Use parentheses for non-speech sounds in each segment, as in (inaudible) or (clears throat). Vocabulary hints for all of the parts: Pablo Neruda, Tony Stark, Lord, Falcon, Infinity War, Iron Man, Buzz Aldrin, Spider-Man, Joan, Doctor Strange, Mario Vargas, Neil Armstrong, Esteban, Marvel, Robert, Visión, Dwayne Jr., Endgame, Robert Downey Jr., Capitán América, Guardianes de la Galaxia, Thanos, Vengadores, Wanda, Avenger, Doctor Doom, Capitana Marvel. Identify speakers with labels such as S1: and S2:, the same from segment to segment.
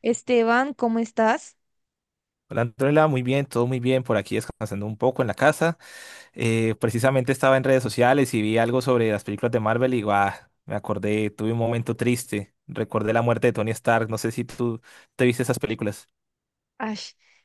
S1: Esteban, ¿cómo estás?
S2: Hola Antonella, muy bien, todo muy bien por aquí descansando un poco en la casa. Precisamente estaba en redes sociales y vi algo sobre las películas de Marvel y guau, me acordé, tuve un momento triste, recordé la muerte de Tony Stark, no sé si tú te viste esas películas.
S1: Ay,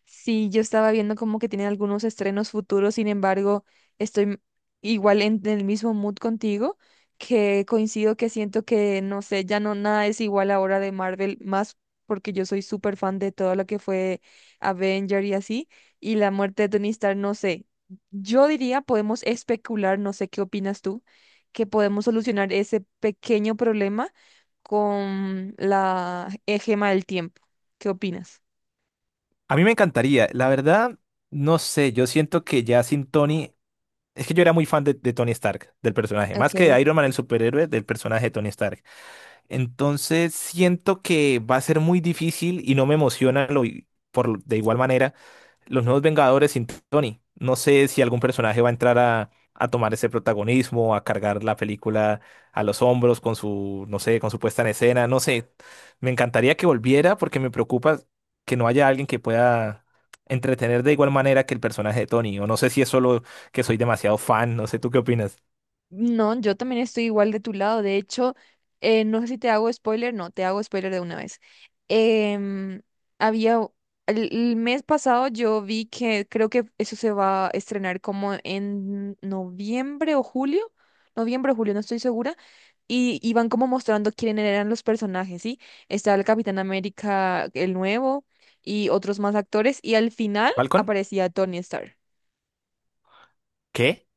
S1: sí, yo estaba viendo como que tienen algunos estrenos futuros. Sin embargo, estoy m- igual en el mismo mood contigo, que coincido, que siento que, no sé, ya no nada es igual ahora de Marvel, más porque yo soy súper fan de todo lo que fue Avenger y así. Y la muerte de Tony Stark, no sé, yo diría, podemos especular, no sé qué opinas tú, que podemos solucionar ese pequeño problema con la gema del tiempo. ¿Qué opinas?
S2: A mí me encantaría, la verdad, no sé, yo siento que ya sin Tony, es que yo era muy fan de Tony Stark, del personaje, más que
S1: Ok.
S2: de Iron Man, el superhéroe, del personaje de Tony Stark. Entonces siento que va a ser muy difícil y no me emociona de igual manera los nuevos Vengadores sin Tony. No sé si algún personaje va a entrar a tomar ese protagonismo, a cargar la película a los hombros con su, no sé, con su puesta en escena, no sé. Me encantaría que volviera porque me preocupa que no haya alguien que pueda entretener de igual manera que el personaje de Tony. O no sé si es solo que soy demasiado fan, no sé, ¿tú qué opinas?
S1: No, yo también estoy igual de tu lado. De hecho, no sé si te hago spoiler. No, te hago spoiler de una vez. Em, había, u- el mes pasado yo vi que creo que eso se va a estrenar como en noviembre o julio, no estoy segura, y iban como mostrando quiénes eran los personajes, ¿sí? Estaba el Capitán América, el nuevo, y otros más actores, y al final
S2: ¿Falcon?
S1: aparecía Tony Stark.
S2: ¿Qué?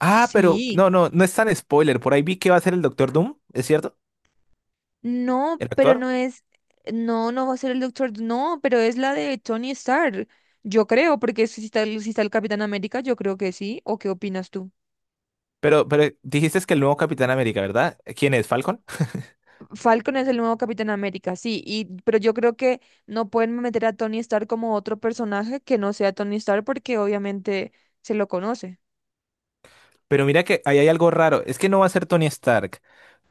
S2: Ah, pero
S1: Sí.
S2: no, no, no es tan spoiler. Por ahí vi que va a ser el Doctor Doom, ¿es cierto?
S1: No,
S2: El
S1: pero
S2: actor.
S1: no es, no, no va a ser el Doctor, no, pero es la de Tony Stark, yo creo, porque si está, si está el Capitán América, yo creo que sí, ¿o qué opinas tú?
S2: Pero dijiste que el nuevo Capitán América, ¿verdad? ¿Quién es? ¿Falcon? (laughs)
S1: Falcon es el nuevo Capitán América, sí, y, pero yo creo que no pueden meter a Tony Stark como otro personaje que no sea Tony Stark, porque obviamente se lo conoce.
S2: Pero mira que ahí hay algo raro. Es que no va a ser Tony Stark,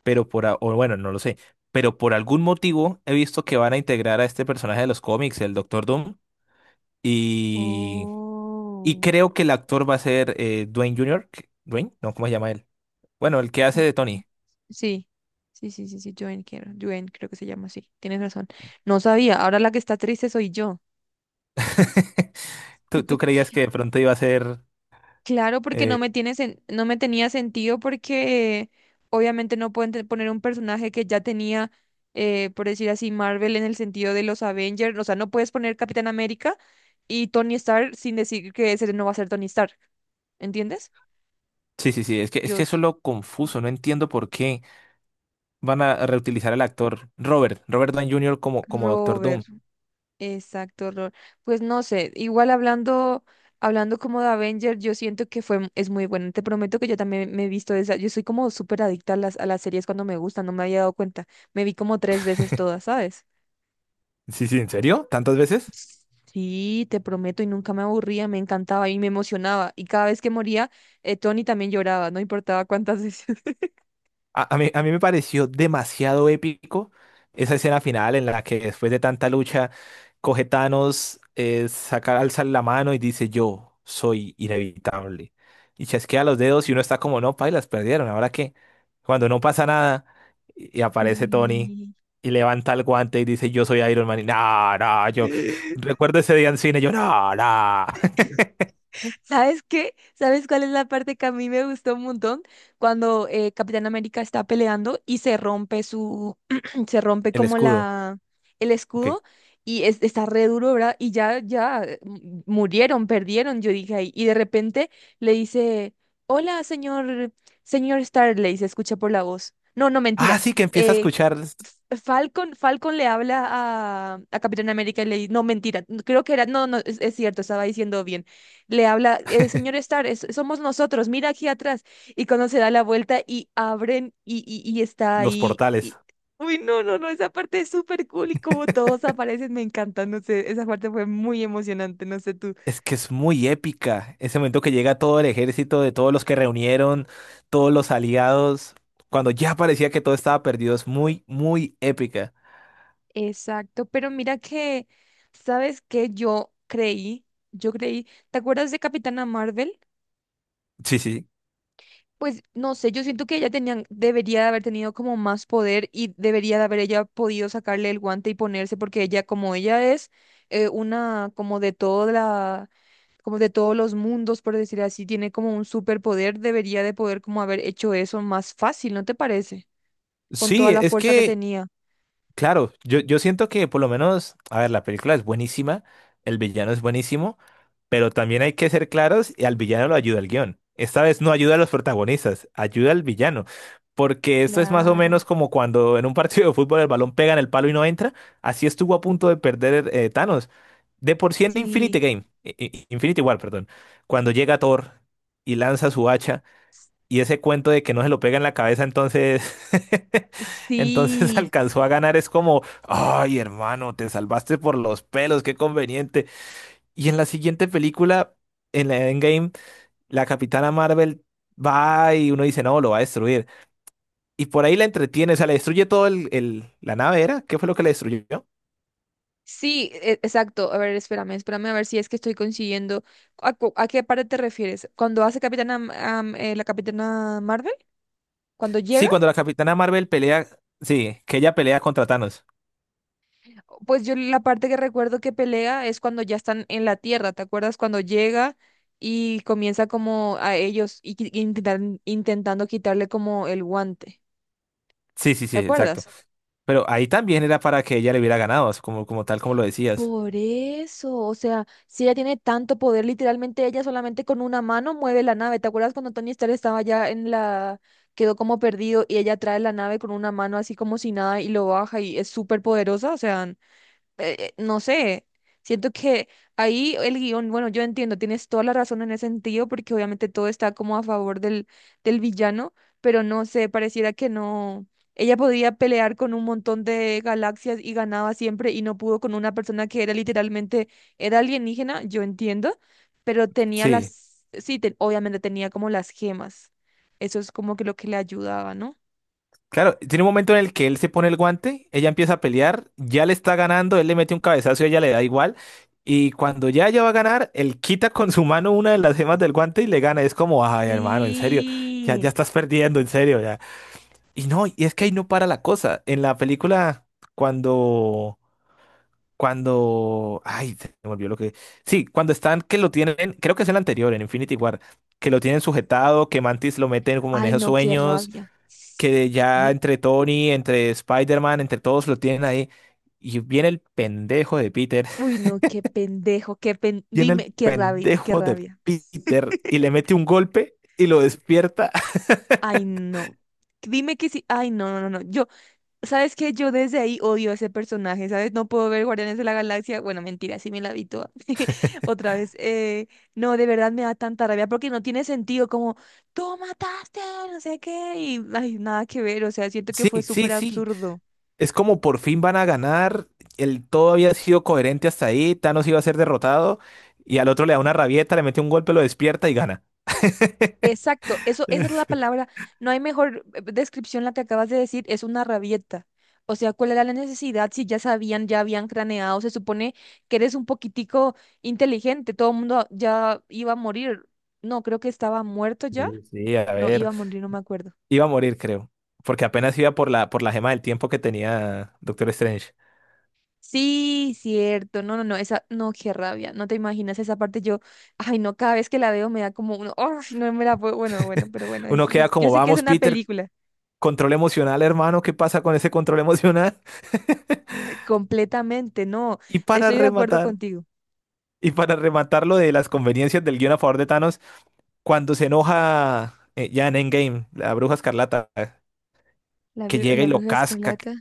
S2: pero o bueno, no lo sé. Pero por algún motivo he visto que van a integrar a este personaje de los cómics, el Doctor Doom. Y, y
S1: Oh.
S2: creo que el actor va a ser Dwayne Jr. ¿Qué? ¿Dwayne? No, ¿cómo se llama él? Bueno, el que hace de Tony.
S1: Sí, sí, sí, sí, sí, Joan, quiero, Joan, creo que se llama así, tienes razón. No sabía, ahora la que está triste soy yo.
S2: (laughs) ¿Tú creías que de pronto iba a ser...
S1: Claro, porque
S2: eh,
S1: no me tenía sentido, porque obviamente no pueden te- poner un personaje que ya tenía, por decir así, Marvel en el sentido de los Avengers. O sea, no puedes poner Capitán América y Tony Stark sin decir que ese no va a ser Tony Stark. ¿Entiendes?
S2: Sí, sí, sí, es que,
S1: Yo,
S2: eso es lo confuso, no entiendo por qué van a reutilizar al actor Robert Downey Jr. como Doctor
S1: Robert.
S2: Doom.
S1: Exacto, Lord. Pues no sé, hablando como de Avenger, yo siento que es muy buena. Te prometo que yo también me he visto esa. Yo soy como súper adicta a a las series cuando me gustan, no me había dado cuenta. Me vi como tres veces todas, ¿sabes?
S2: Sí, sí, ¿en serio? ¿Tantas veces?
S1: Sí, te prometo, y nunca me aburría, me encantaba y me emocionaba. Y cada vez que moría, Tony, también lloraba, no importaba cuántas veces.
S2: A mí me pareció demasiado épico esa escena final en la que después de tanta lucha coge Thanos, saca, alza la mano y dice yo soy inevitable. Y chasquea los dedos y uno está como, no, pailas, perdieron, ¿ahora qué? Cuando no pasa nada y aparece Tony
S1: (laughs)
S2: y levanta el guante y dice yo soy Iron Man y no, no, yo
S1: Sí.
S2: recuerdo ese día en cine, yo no, no. (laughs)
S1: ¿Sabes qué? ¿Sabes cuál es la parte que a mí me gustó un montón? Cuando Capitán América está peleando y se rompe su, (clears throat) se rompe
S2: El
S1: como
S2: escudo,
S1: la, el
S2: ok.
S1: escudo y está re duro, ¿verdad? Y ya, ya murieron, perdieron, yo dije ahí. Y de repente le dice, hola, señor, señor Stark, le dice, escucha por la voz. No, no,
S2: Ah,
S1: mentira.
S2: sí, que empieza a
S1: Eh,
S2: escuchar
S1: Falcon, Falcon le habla a Capitán América y le dice, no, mentira, creo que era, no, no, es cierto, estaba diciendo bien, le habla, señor Stark, somos nosotros, mira aquí atrás." Y cuando se da la vuelta y abren, y está
S2: los
S1: ahí.
S2: portales.
S1: Uy, no, no, no, esa parte es súper cool, y como todos aparecen, me encanta, no sé, esa parte fue muy emocionante, no sé tú.
S2: Es que es muy épica. Ese momento que llega todo el ejército de todos los que reunieron, todos los aliados, cuando ya parecía que todo estaba perdido, es muy, muy épica.
S1: Exacto, pero mira que, ¿sabes qué? Yo creí, ¿te acuerdas de Capitana Marvel?
S2: Sí, sí.
S1: Pues no sé, yo siento que ella tenía, debería de haber tenido como más poder, y debería de haber ella podido sacarle el guante y ponerse, porque ella, como ella es una, como de toda la, como de todos los mundos, por decir así, tiene como un superpoder, debería de poder como haber hecho eso más fácil, ¿no te parece? Con
S2: Sí,
S1: toda la
S2: es
S1: fuerza que
S2: que
S1: tenía.
S2: Claro, yo siento que por lo menos, a ver, la película es buenísima, el villano es buenísimo, pero también hay que ser claros y al villano lo ayuda el guión. Esta vez no ayuda a los protagonistas, ayuda al villano, porque esto es más o menos
S1: Claro.
S2: como cuando en un (laughs) partido de fútbol el balón pega en el palo y no entra, así estuvo a punto de perder Thanos. De por sí en
S1: Sí,
S2: Infinity Game, i- i- Infinity War, perdón, cuando llega Thor y lanza su hacha. Y ese cuento de que no se lo pega en la cabeza, entonces, (laughs) entonces
S1: sí.
S2: alcanzó a ganar. Es como, ay, hermano, te salvaste por los pelos, qué conveniente. Y en la siguiente película, en la Endgame, la Capitana Marvel va y uno dice, no, lo va a destruir. Y por ahí la entretiene, o sea, le destruye todo la nave, ¿era? ¿Qué fue lo que le destruyó?
S1: Sí, exacto. A ver, espérame, espérame a ver si es que estoy consiguiendo. ¿A, a qué parte te refieres? ¿Cuando hace Capitana, la Capitana Marvel? ¿Cuando
S2: Sí,
S1: llega?
S2: cuando la Capitana Marvel pelea, sí, que ella pelea contra Thanos.
S1: Pues yo la parte que recuerdo que pelea es cuando ya están en la Tierra, ¿te acuerdas? Cuando llega y comienza como a ellos y, intentando quitarle como el guante.
S2: Sí, sí, sí,
S1: ¿Te
S2: exacto.
S1: acuerdas?
S2: Pero ahí también era para que ella le hubiera ganado, como tal como lo decías.
S1: Por eso, o sea, si ella tiene tanto poder, literalmente ella solamente con una mano mueve la nave. ¿Te acuerdas cuando Tony Stark estaba ya en la... quedó como perdido y ella trae la nave con una mano así como si nada y lo baja y es súper poderosa? O sea, no sé, siento que ahí el guión, bueno, yo entiendo, tienes toda la razón en ese sentido, porque obviamente todo está como a favor del villano, pero no sé, pareciera que no. Ella podía pelear con un montón de galaxias y ganaba siempre y no pudo con una persona que era literalmente, era alienígena, yo entiendo, pero tenía
S2: Sí.
S1: las, sí, obviamente tenía como las gemas. Eso es como que lo que le ayudaba, ¿no?
S2: Claro, tiene un momento en el que él se pone el guante, ella empieza a pelear, ya le está ganando, él le mete un cabezazo y ella le da igual. Y cuando ya ella va a ganar, él quita con su mano una de las gemas del guante y le gana. Es como, ay, hermano, en serio, ya, ya
S1: Sí.
S2: estás perdiendo, en serio, ya. Y no, y es que
S1: Eh,
S2: ahí no para la cosa. En la película, cuando, ay, se me olvidó lo que. Sí, cuando están, que lo tienen, creo que es el anterior, en Infinity War, que lo tienen sujetado, que Mantis lo meten como en
S1: ay,
S2: esos
S1: no, qué
S2: sueños
S1: rabia.
S2: que ya
S1: (sniffs)
S2: entre Tony, entre Spider-Man, entre todos lo tienen ahí. Y viene el pendejo de Peter,
S1: Uy,
S2: (laughs)
S1: no, qué pendejo, qué pen...
S2: viene el
S1: Dime, qué rabia, qué
S2: pendejo de
S1: rabia.
S2: Peter
S1: (laughs)
S2: y le mete un golpe y lo despierta. (laughs)
S1: Ay, no. Dime que sí. Ay, no, no, no, no. ¿Sabes qué? Yo desde ahí odio a ese personaje, ¿sabes? No puedo ver Guardianes de la Galaxia. Bueno, mentira, sí me la vi toda. (laughs) Otra vez. No, de verdad me da tanta rabia porque no tiene sentido. Como, tú mataste, no sé qué. Y, ay, nada que ver. O sea, siento que
S2: Sí,
S1: fue
S2: sí,
S1: súper
S2: sí.
S1: absurdo.
S2: Es como por fin van a ganar. El todo había sido coherente hasta ahí. Thanos iba a ser derrotado y al otro le da una rabieta, le mete un golpe, lo despierta y gana. (laughs)
S1: Exacto, eso, esa es la palabra. No hay mejor descripción la que acabas de decir, es una rabieta. O sea, ¿cuál era la necesidad si ya sabían, ya habían craneado? Se supone que eres un poquitico inteligente, todo el mundo ya iba a morir. No, creo que estaba muerto ya.
S2: Sí, sí, a
S1: No,
S2: ver.
S1: iba a morir, no me acuerdo.
S2: Iba a morir, creo. Porque apenas iba por la gema del tiempo que tenía Doctor Strange.
S1: Sí, cierto. No, no, no, esa, no, qué rabia. No te imaginas esa parte. Yo, ay, no, cada vez que la veo me da como un, "Ay, no me la puedo." Bueno, bueno, pero bueno, es,
S2: Uno
S1: yo,
S2: queda
S1: yo
S2: como,
S1: sé que es
S2: vamos,
S1: una
S2: Peter,
S1: película.
S2: control emocional, hermano, ¿qué pasa con ese control emocional? (laughs)
S1: Completamente, no.
S2: Y para
S1: Estoy de acuerdo
S2: rematar,
S1: contigo.
S2: lo de las conveniencias del guión a favor de Thanos, cuando se enoja ya en Endgame, la bruja escarlata,
S1: La,
S2: que llega
S1: la
S2: y lo
S1: bruja
S2: casca,
S1: escarlata.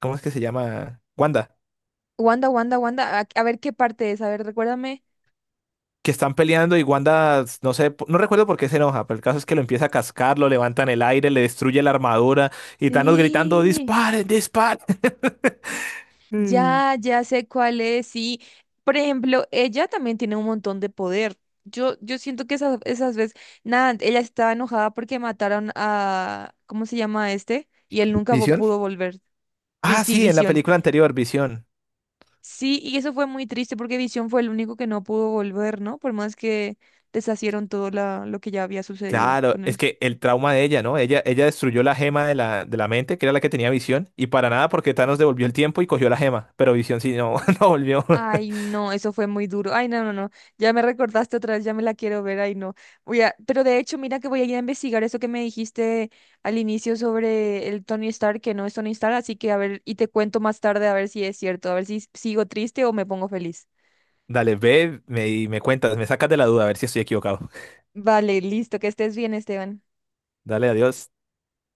S2: ¿cómo es que se llama? Wanda,
S1: Wanda, Wanda, Wanda. A ver qué parte es. A ver, recuérdame.
S2: que están peleando y Wanda, no sé, no recuerdo por qué se enoja, pero el caso es que lo empieza a cascar, lo levanta en el aire, le destruye la armadura y Thanos gritando,
S1: Sí,
S2: disparen, disparen. Mm.
S1: ya, ya sé cuál es. Sí. Por ejemplo, ella también tiene un montón de poder. Yo siento que esas, esas veces, nada, ella estaba enojada porque mataron a, ¿cómo se llama este? Y él nunca vo-
S2: ¿Visión?
S1: pudo volver.
S2: Ah,
S1: Sí,
S2: sí, en la
S1: Visión.
S2: película anterior, Visión.
S1: Sí, y eso fue muy triste porque Visión fue el único que no pudo volver, ¿no? Por más que deshacieron todo lo que ya había sucedido
S2: Claro,
S1: con
S2: es
S1: él.
S2: que el trauma de ella, ¿no? Ella destruyó la gema de la mente, que era la que tenía visión, y para nada porque Thanos devolvió el tiempo y cogió la gema, pero visión sí no, (laughs) no volvió.
S1: Ay, no, eso fue muy duro. Ay, no, no, no. Ya me recordaste otra vez, ya me la quiero ver. Ay, no. Voy a, pero de hecho, mira que voy a ir a investigar eso que me dijiste al inicio sobre el Tony Stark, que no es Tony Stark, así que a ver, y te cuento más tarde a ver si es cierto, a ver si sigo triste o me pongo feliz.
S2: (laughs) Dale, ve, y me cuentas, me sacas de la duda, a ver si estoy equivocado.
S1: Vale, listo, que estés bien, Esteban.
S2: Dale, adiós.